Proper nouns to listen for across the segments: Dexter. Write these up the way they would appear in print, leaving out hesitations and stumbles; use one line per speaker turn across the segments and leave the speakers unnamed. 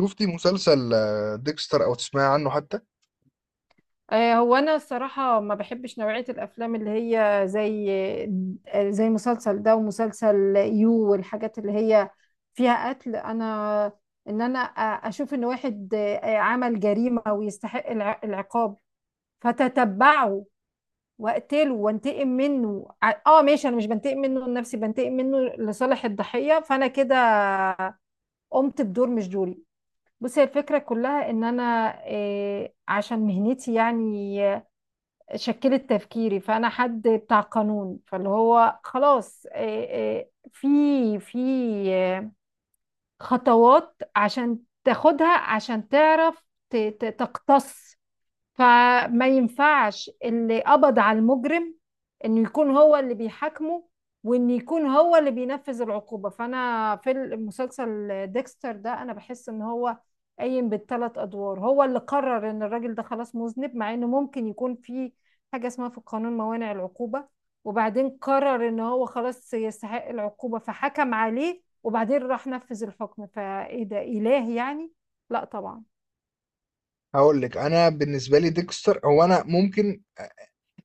شفتي مسلسل ديكستر او تسمعي عنه حتى؟
هو انا الصراحه ما بحبش نوعيه الافلام اللي هي زي مسلسل ده ومسلسل يو والحاجات اللي هي فيها قتل. ان انا اشوف ان واحد عمل جريمه ويستحق العقاب، فتتبعه واقتله وانتقم منه ماشي. انا مش بنتقم منه لنفسي، بنتقم منه لصالح الضحيه، فانا كده قمت بدور مش دوري. بصي، هي الفكره كلها ان انا، عشان مهنتي يعني، شكلت تفكيري، فانا حد بتاع قانون، فاللي هو خلاص في آه، خطوات عشان تاخدها عشان تعرف تقتص. فما ينفعش اللي قبض على المجرم انه يكون هو اللي بيحاكمه، وان يكون هو اللي بينفذ العقوبة. فانا في المسلسل ديكستر ده انا بحس ان هو قايم بالثلاث ادوار، هو اللي قرر ان الراجل ده خلاص مذنب، مع انه ممكن يكون في حاجة اسمها في القانون موانع العقوبة، وبعدين قرر ان هو خلاص يستحق العقوبة فحكم عليه وبعدين راح نفذ الحكم. فايه ده؟ اله يعني؟ لا طبعا.
هقول لك، انا بالنسبه لي ديكستر هو انا ممكن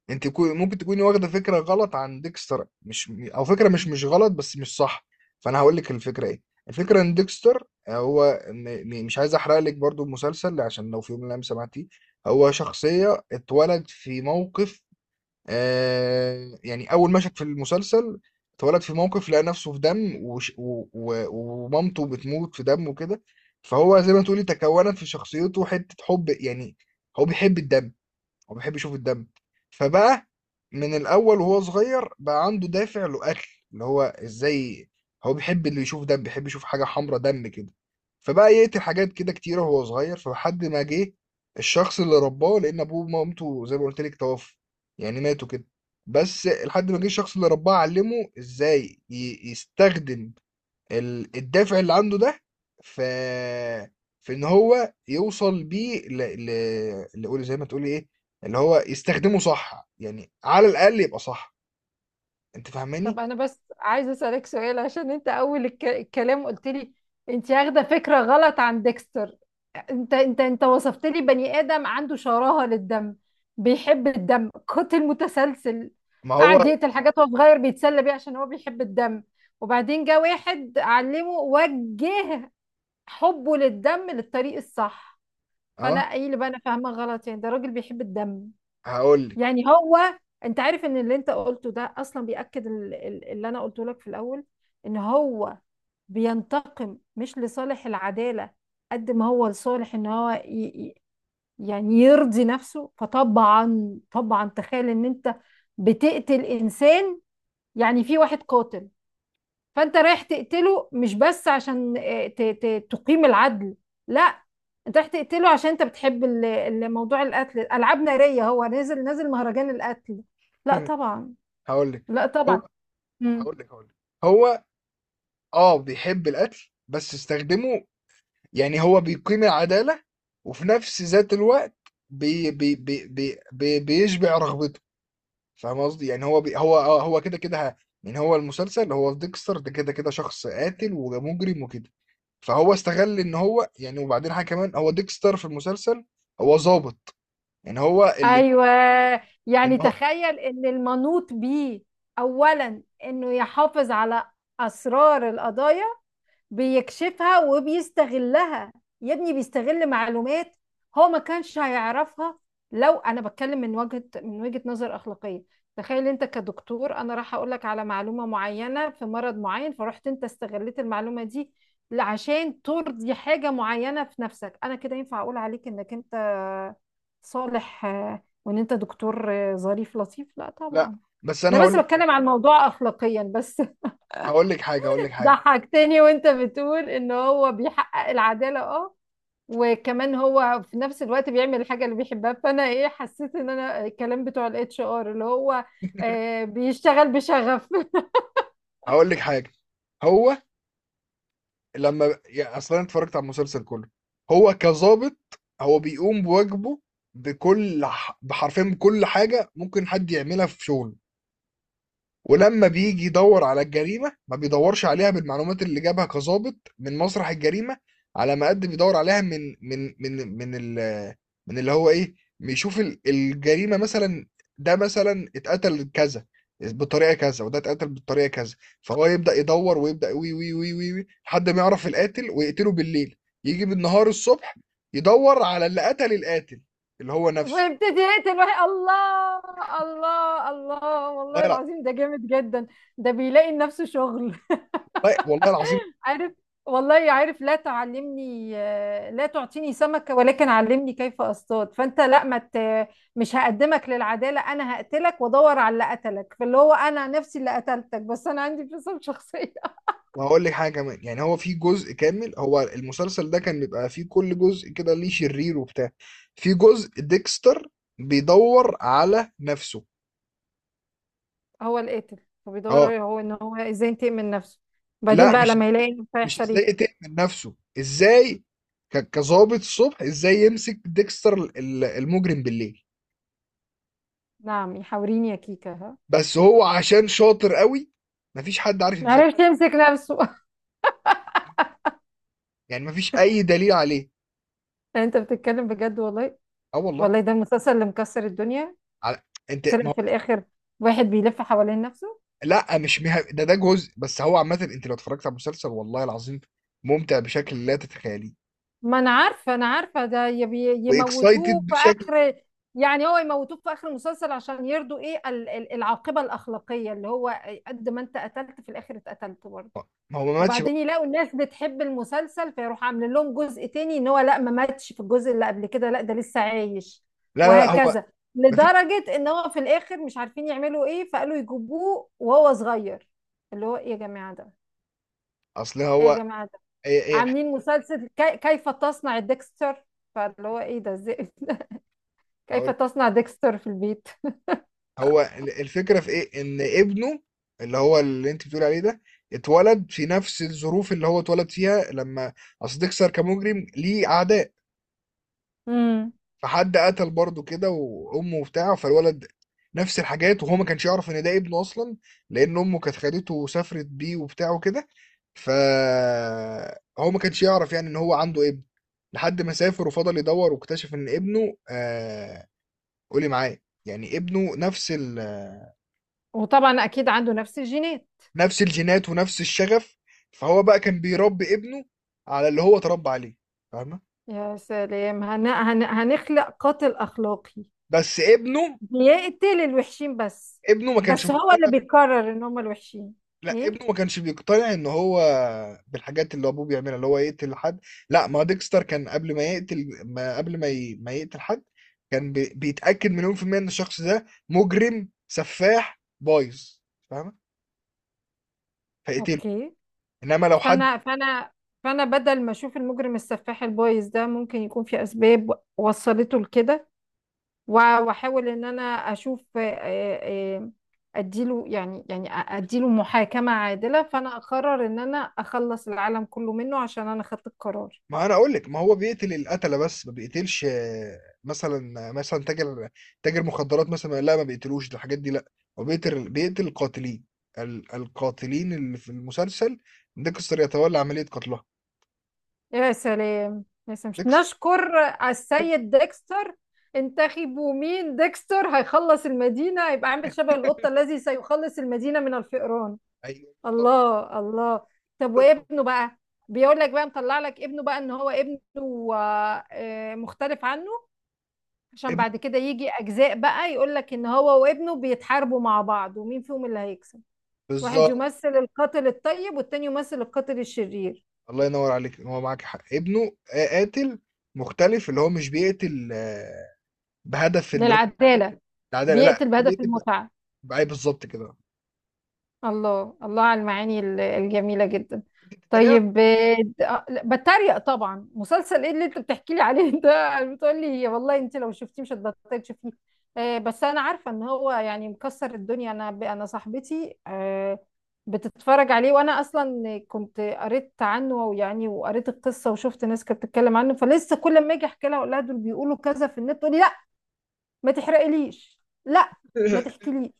ممكن تكوني واخده فكره غلط عن ديكستر، مش او فكره مش غلط بس مش صح. فانا هقول لك الفكره ايه. الفكره ان ديكستر مش عايز احرق لك برضو المسلسل عشان لو في يوم من الايام سمعتيه. هو شخصيه اتولد في موقف، آه يعني اول مشهد في المسلسل اتولد في موقف، لقى نفسه في دم وش و و ومامته بتموت في دم وكده. فهو زي ما تقولي تكونت في شخصيته حتة حب، يعني هو بيحب الدم وبيحب يشوف الدم. فبقى من الاول وهو صغير بقى عنده دافع له قتل. اللي هو ازاي؟ هو بيحب اللي يشوف دم، بيحب يشوف حاجه حمرا دم كده. فبقى يقتل حاجات كده كتيره وهو صغير، فلحد ما جه الشخص اللي رباه، لان ابوه ومامته زي ما قلت لك توفوا، يعني ماتوا كده. بس لحد ما جه الشخص اللي رباه، علمه ازاي يستخدم الدافع اللي عنده ده في ان هو يوصل بيه لقول، زي ما تقولي ايه، اللي هو يستخدمه صح، يعني على الاقل يبقى صح. انت
طب
فاهماني؟
انا بس عايزه اسالك سؤال، عشان انت اول الكلام قلت لي انت واخده فكره غلط عن ديكستر. انت وصفت لي بني ادم عنده شراهه للدم، بيحب الدم، قاتل متسلسل،
ما هو
قعد يقتل حاجات وهو صغير بيتسلى بيها عشان هو بيحب الدم، وبعدين جه واحد علمه وجه حبه للدم للطريق الصح. فانا
اه.
ايه اللي بقى انا فاهمه غلط؟ يعني ده راجل بيحب الدم،
هقول لك.
يعني هو. انت عارف ان اللي انت قلته ده اصلا بيأكد اللي انا قلته لك في الاول، ان هو بينتقم مش لصالح العدالة قد ما هو لصالح ان هو يعني يرضي نفسه. فطبعا طبعا، تخيل ان انت بتقتل انسان، يعني في واحد قاتل، فانت رايح تقتله مش بس عشان تقيم العدل، لا، انت رايح تقتله عشان انت بتحب موضوع القتل، العاب ناريه، هو نازل نازل مهرجان القتل. لا طبعا.
هقول لك.
لا
هو.
طبعا. مم.
هقول لك. هو اه، بيحب القتل بس استخدمه. يعني هو بيقيم العدالة وفي نفس ذات الوقت بيشبع رغبته. فاهم قصدي؟ يعني هو بي هو آه، هو كده كده يعني هو المسلسل، هو في ديكستر ده كده كده شخص قاتل ومجرم وكده. فهو استغل ان هو يعني، وبعدين حاجه كمان، هو ديكستر في المسلسل هو ظابط. يعني هو اللي
ايوه، يعني
ان هو.
تخيل ان المنوط بيه اولا انه يحافظ على اسرار القضايا، بيكشفها وبيستغلها، يا ابني بيستغل معلومات هو ما كانش هيعرفها. لو انا بتكلم من وجهة نظر اخلاقية، تخيل انت كدكتور انا راح اقول لك على معلومة معينة في مرض معين، فرحت انت استغلت المعلومة دي عشان ترضي حاجة معينة في نفسك، انا كده ينفع اقول عليك انك انت صالح وان انت دكتور ظريف لطيف؟ لا
لا،
طبعا.
بس انا
انا بس
هقول.
بتكلم عن الموضوع اخلاقيا بس.
هقول لك حاجه. هقول لك حاجه
ضحكتني وانت بتقول ان هو بيحقق العدالة، اه، وكمان هو في نفس الوقت بيعمل الحاجة اللي بيحبها، فانا ايه، حسيت ان انا الكلام بتوع الاتش ار اللي هو بيشتغل بشغف.
هقول لك حاجه هو لما، يعني اصلا أنا اتفرجت على المسلسل كله، هو كظابط هو بيقوم بواجبه بحرفيا، بكل حاجه ممكن حد يعملها في شغله. ولما بيجي يدور على الجريمة ما بيدورش عليها بالمعلومات اللي جابها كظابط من مسرح الجريمة على ما قد بيدور عليها من ال، من اللي هو ايه، بيشوف الجريمة مثلا، ده مثلا اتقتل كذا بالطريقة كذا، وده اتقتل بالطريقة كذا. فهو يبدأ يدور ويبدأ وي وي وي وي وي لحد ما يعرف القاتل ويقتله بالليل. يجي بالنهار الصبح يدور على اللي قتل القاتل، اللي هو نفسه.
وابتدي يقتل واحد، الله الله الله، والله
والله.
العظيم ده جامد جدا، ده بيلاقي لنفسه شغل،
والله العظيم.
عارف؟ والله عارف، لا تعلمني، لا تعطيني سمكة ولكن علمني كيف اصطاد. فانت لا، ما مت، مش هقدمك للعدالة، انا هقتلك وادور على اللي قتلك، فاللي هو انا نفسي اللي قتلتك، بس انا عندي انفصام شخصية.
وهقول لك حاجه كمان، يعني هو في جزء كامل، هو المسلسل ده كان بيبقى فيه كل جزء كده ليه شرير وبتاع، في جزء ديكستر بيدور على نفسه.
هو القاتل،
اه.
فبيدور هو ان هو ازاي ينتقم من نفسه؟ بعدين
لا،
بقى
مش
لما يلاقي نفسه
مش
هيحصل
ازاي
ايه؟
يقتل من نفسه، ازاي كظابط الصبح ازاي يمسك ديكستر المجرم بالليل.
نعم، يحاوريني يا كيكة، ها.
بس هو عشان شاطر قوي مفيش حد عارف يمسكه،
معرفش يمسك نفسه.
يعني مفيش اي دليل عليه.
انت بتتكلم بجد والله؟
اه والله.
والله ده المسلسل اللي مكسر الدنيا،
على. انت.
طلع في الاخر واحد بيلف حوالين نفسه.
لا، مش مه... ده جزء بس. هو عامة انت لو اتفرجت على المسلسل والله العظيم ممتع بشكل لا تتخيليه،
ما انا عارفه، انا عارفه، ده يموتوه
واكسايتد
في
بشكل.
اخر، يعني هو يموتوه في اخر المسلسل عشان يرضوا ايه العاقبه الاخلاقيه، اللي هو قد ما انت قتلت في الاخر اتقتلت برضه،
ما هو ما ماتش بقى.
وبعدين يلاقوا الناس بتحب المسلسل فيروح عامل لهم جزء تاني، ان هو لا ما ماتش في الجزء اللي قبل كده، لا ده لسه عايش،
لا لا لا، هو
وهكذا،
ما في
لدرجه ان هو في الاخر مش عارفين يعملوا ايه، فقالوا يجيبوه وهو صغير، اللي هو ايه يا جماعه ده؟
اصل
ايه يا
هو.
جماعه،
ايه ايه الح-
عاملين مسلسل كيف تصنع ديكستر؟ فاللي هو ايه ده، ازاي؟ كيف
هقول.
تصنع ديكستر في البيت.
هو الفكرة في ايه، ان ابنه اللي هو اللي انت بتقول عليه ده اتولد في نفس الظروف اللي هو اتولد فيها لما، اصل ديكستر كمجرم ليه اعداء،
امم
فحد قتل برضه كده وامه وبتاع، فالولد نفس الحاجات. وهو ما كانش يعرف ان ده ابنه اصلا، لان امه كانت خدته وسافرت بيه وبتاع وكده، فهو ما كانش يعرف يعني ان هو عنده ابن. لحد ما سافر وفضل يدور واكتشف ان ابنه آه، قولي معايا، يعني ابنه نفس ال...
وطبعا اكيد عنده نفس الجينات.
نفس الجينات ونفس الشغف. فهو بقى كان بيربي ابنه على اللي هو اتربى عليه. فاهمه؟
يا سلام، هنخلق قاتل اخلاقي،
بس ابنه،
بيقتل الوحشين بس،
ما كانش
بس هو اللي
مقتنع.
بيقرر ان هم الوحشين.
لأ،
ايه،
ابنه ما كانش بيقتنع إن هو بالحاجات اللي أبوه بيعملها، اللي هو يقتل حد. لأ، ما هو ديكستر كان قبل ما يقتل، ما قبل ما ي ما يقتل حد، كان بيتأكد مليون في المِيّة إن الشخص ده مجرم، سفاح، بايظ، فاهمة؟ فيقتله.
اوكي،
إنما لو حد،
فانا فانا فانا بدل ما اشوف المجرم السفاح البايظ ده ممكن يكون في اسباب وصلته لكده، واحاول ان انا اشوف اديله يعني، اديله محاكمة عادلة، فانا اقرر ان انا اخلص العالم كله منه عشان انا خدت القرار.
ما أنا أقول لِك، ما هو بيقتل القتلة بس، ما بيقتلش مثلًا، تاجر، تاجر مخدرات مثلًا، لأ، ما بيقتلوش ده، الحاجات دي لأ. هو بيقتل، القاتلين، ال القاتلين اللي في المسلسل ديكستر يتولى عملية قتلها.
يا سلام، يا سلام،
ديكس.
نشكر السيد ديكستر، انتخبوا مين؟ ديكستر هيخلص المدينة، هيبقى عامل شبه القطة الذي سيخلص المدينة من الفئران.
أيوه بالضبط.
الله الله. طب وابنه بقى، بيقول لك بقى مطلع لك ابنه بقى ان هو ابنه مختلف عنه، عشان
ابنه
بعد كده يجي اجزاء بقى يقولك ان هو وابنه بيتحاربوا مع بعض، ومين فيهم اللي هيكسب، واحد
بالضبط.
يمثل القاتل الطيب والتاني يمثل القاتل الشرير.
الله ينور عليك، هو معاك حق، ابنه قاتل مختلف، اللي هو مش بيقتل بهدف اللي هو
للعدالة.
العدالة. لا،
بيقتل
هو
بهدف
بيقتل
المتعة.
بقى بالظبط كده.
الله الله على المعاني الجميلة جدا.
انت بتتريق.
طيب، لا، بتريق طبعا، مسلسل ايه اللي انت بتحكي لي عليه ده؟ بتقول لي والله انت لو شفتيه مش هتبطلي تشوفيه. بس انا عارفة ان هو يعني مكسر الدنيا، انا صاحبتي بتتفرج عليه، وانا اصلا كنت قريت عنه، ويعني وقريت القصة وشفت ناس كانت بتتكلم عنه، فلسه كل ما اجي احكي لها اقول لها دول بيقولوا كذا في النت، تقول لي لا ما تحرقليش، لا ما تحكيليش،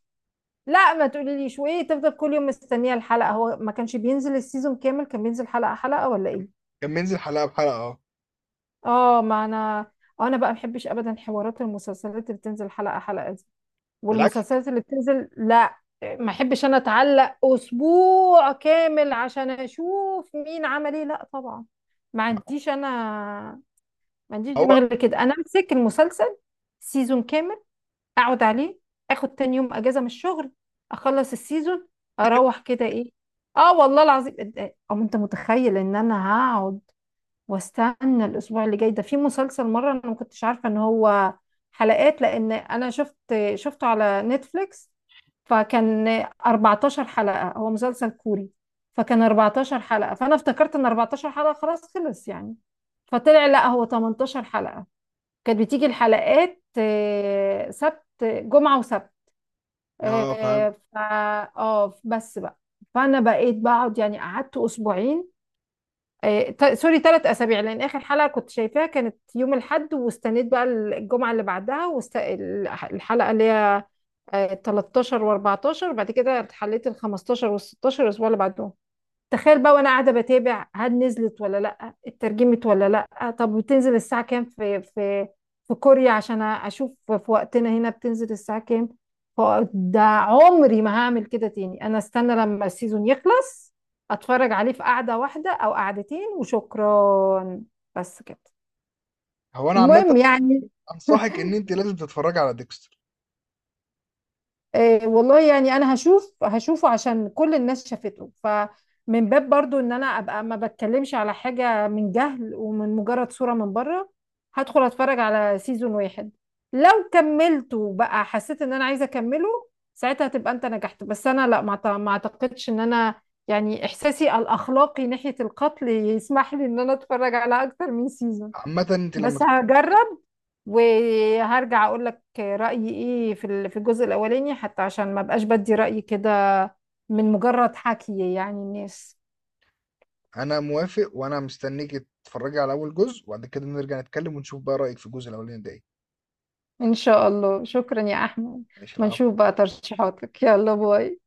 لا ما تقوليليش. وايه، تفضل كل يوم مستنيه الحلقه؟ هو ما كانش بينزل السيزون كامل، كان بينزل حلقه حلقه ولا ايه؟
كان بينزل حلقة بحلقة، اه.
اه. ما انا، انا بقى ما بحبش ابدا حوارات المسلسلات اللي بتنزل حلقه حلقه دي،
بالعكس.
والمسلسلات اللي بتنزل، لا، ما احبش انا اتعلق اسبوع كامل عشان اشوف مين عمل ايه، لا طبعا، ما عنديش انا، ما عنديش
هو
دماغ كده. انا امسك المسلسل سيزون كامل، اقعد عليه، اخد تاني يوم اجازه من الشغل، اخلص السيزون، اروح كده، ايه، اه والله العظيم. او انت متخيل ان انا هقعد واستنى الاسبوع اللي جاي؟ ده في مسلسل مره انا ما كنتش عارفه ان هو حلقات، لان انا شفت، شفته على نتفليكس، فكان 14 حلقه، هو مسلسل كوري، فكان 14 حلقه فانا افتكرت ان 14 حلقه خلاص خلص يعني، فطلع لا هو 18 حلقه، كانت بتيجي الحلقات سبت، جمعة وسبت،
اه، فاهم.
آه، ف اه بس بقى، فانا بقيت بقعد يعني قعدت اسبوعين، سوري، 3 اسابيع، لان اخر حلقة كنت شايفاها كانت يوم الاحد، واستنيت بقى الجمعة اللي بعدها الحلقة اللي هي 13 و14، بعد كده حليت ال 15 وال 16 الاسبوع اللي بعدهم. تخيل بقى وانا قاعده بتابع هل نزلت ولا لا، اترجمت ولا لا، طب بتنزل الساعه كام في، في في كوريا عشان اشوف في وقتنا هنا بتنزل الساعه كام. ف- ده عمري ما هعمل كده تاني، انا استنى لما السيزون يخلص، اتفرج عليه في قعده واحده او قعدتين، وشكرا، بس كده،
هو انا عامة
المهم يعني.
انصحك ان انت لازم تتفرجي على ديكستر.
إيه والله، يعني انا هشوف، هشوفه عشان كل الناس شافته، فمن باب برضو ان انا ابقى ما بتكلمش على حاجة من جهل ومن مجرد صورة من بره، هدخل اتفرج على سيزون واحد، لو كملته بقى حسيت ان انا عايزة اكمله، ساعتها تبقى انت نجحت، بس انا لا، ما اعتقدش ان انا، يعني احساسي الاخلاقي ناحية القتل يسمح لي ان انا اتفرج على اكتر من سيزون،
عامة انت لما
بس هجرب، وهرجع اقول لك رأيي ايه في في الجزء الاولاني حتى عشان ما بقاش بدي رأيي كده من مجرد حكي يعني الناس.
انا موافق، وانا مستنيك تتفرجي على اول جزء، وبعد كده نرجع نتكلم ونشوف بقى رأيك في الجزء الاولاني ده ايه.
ان شاء الله، شكرا يا احمد.
ماشي،
ما
العفو.
نشوف بقى ترشيحاتك. يلا، باي.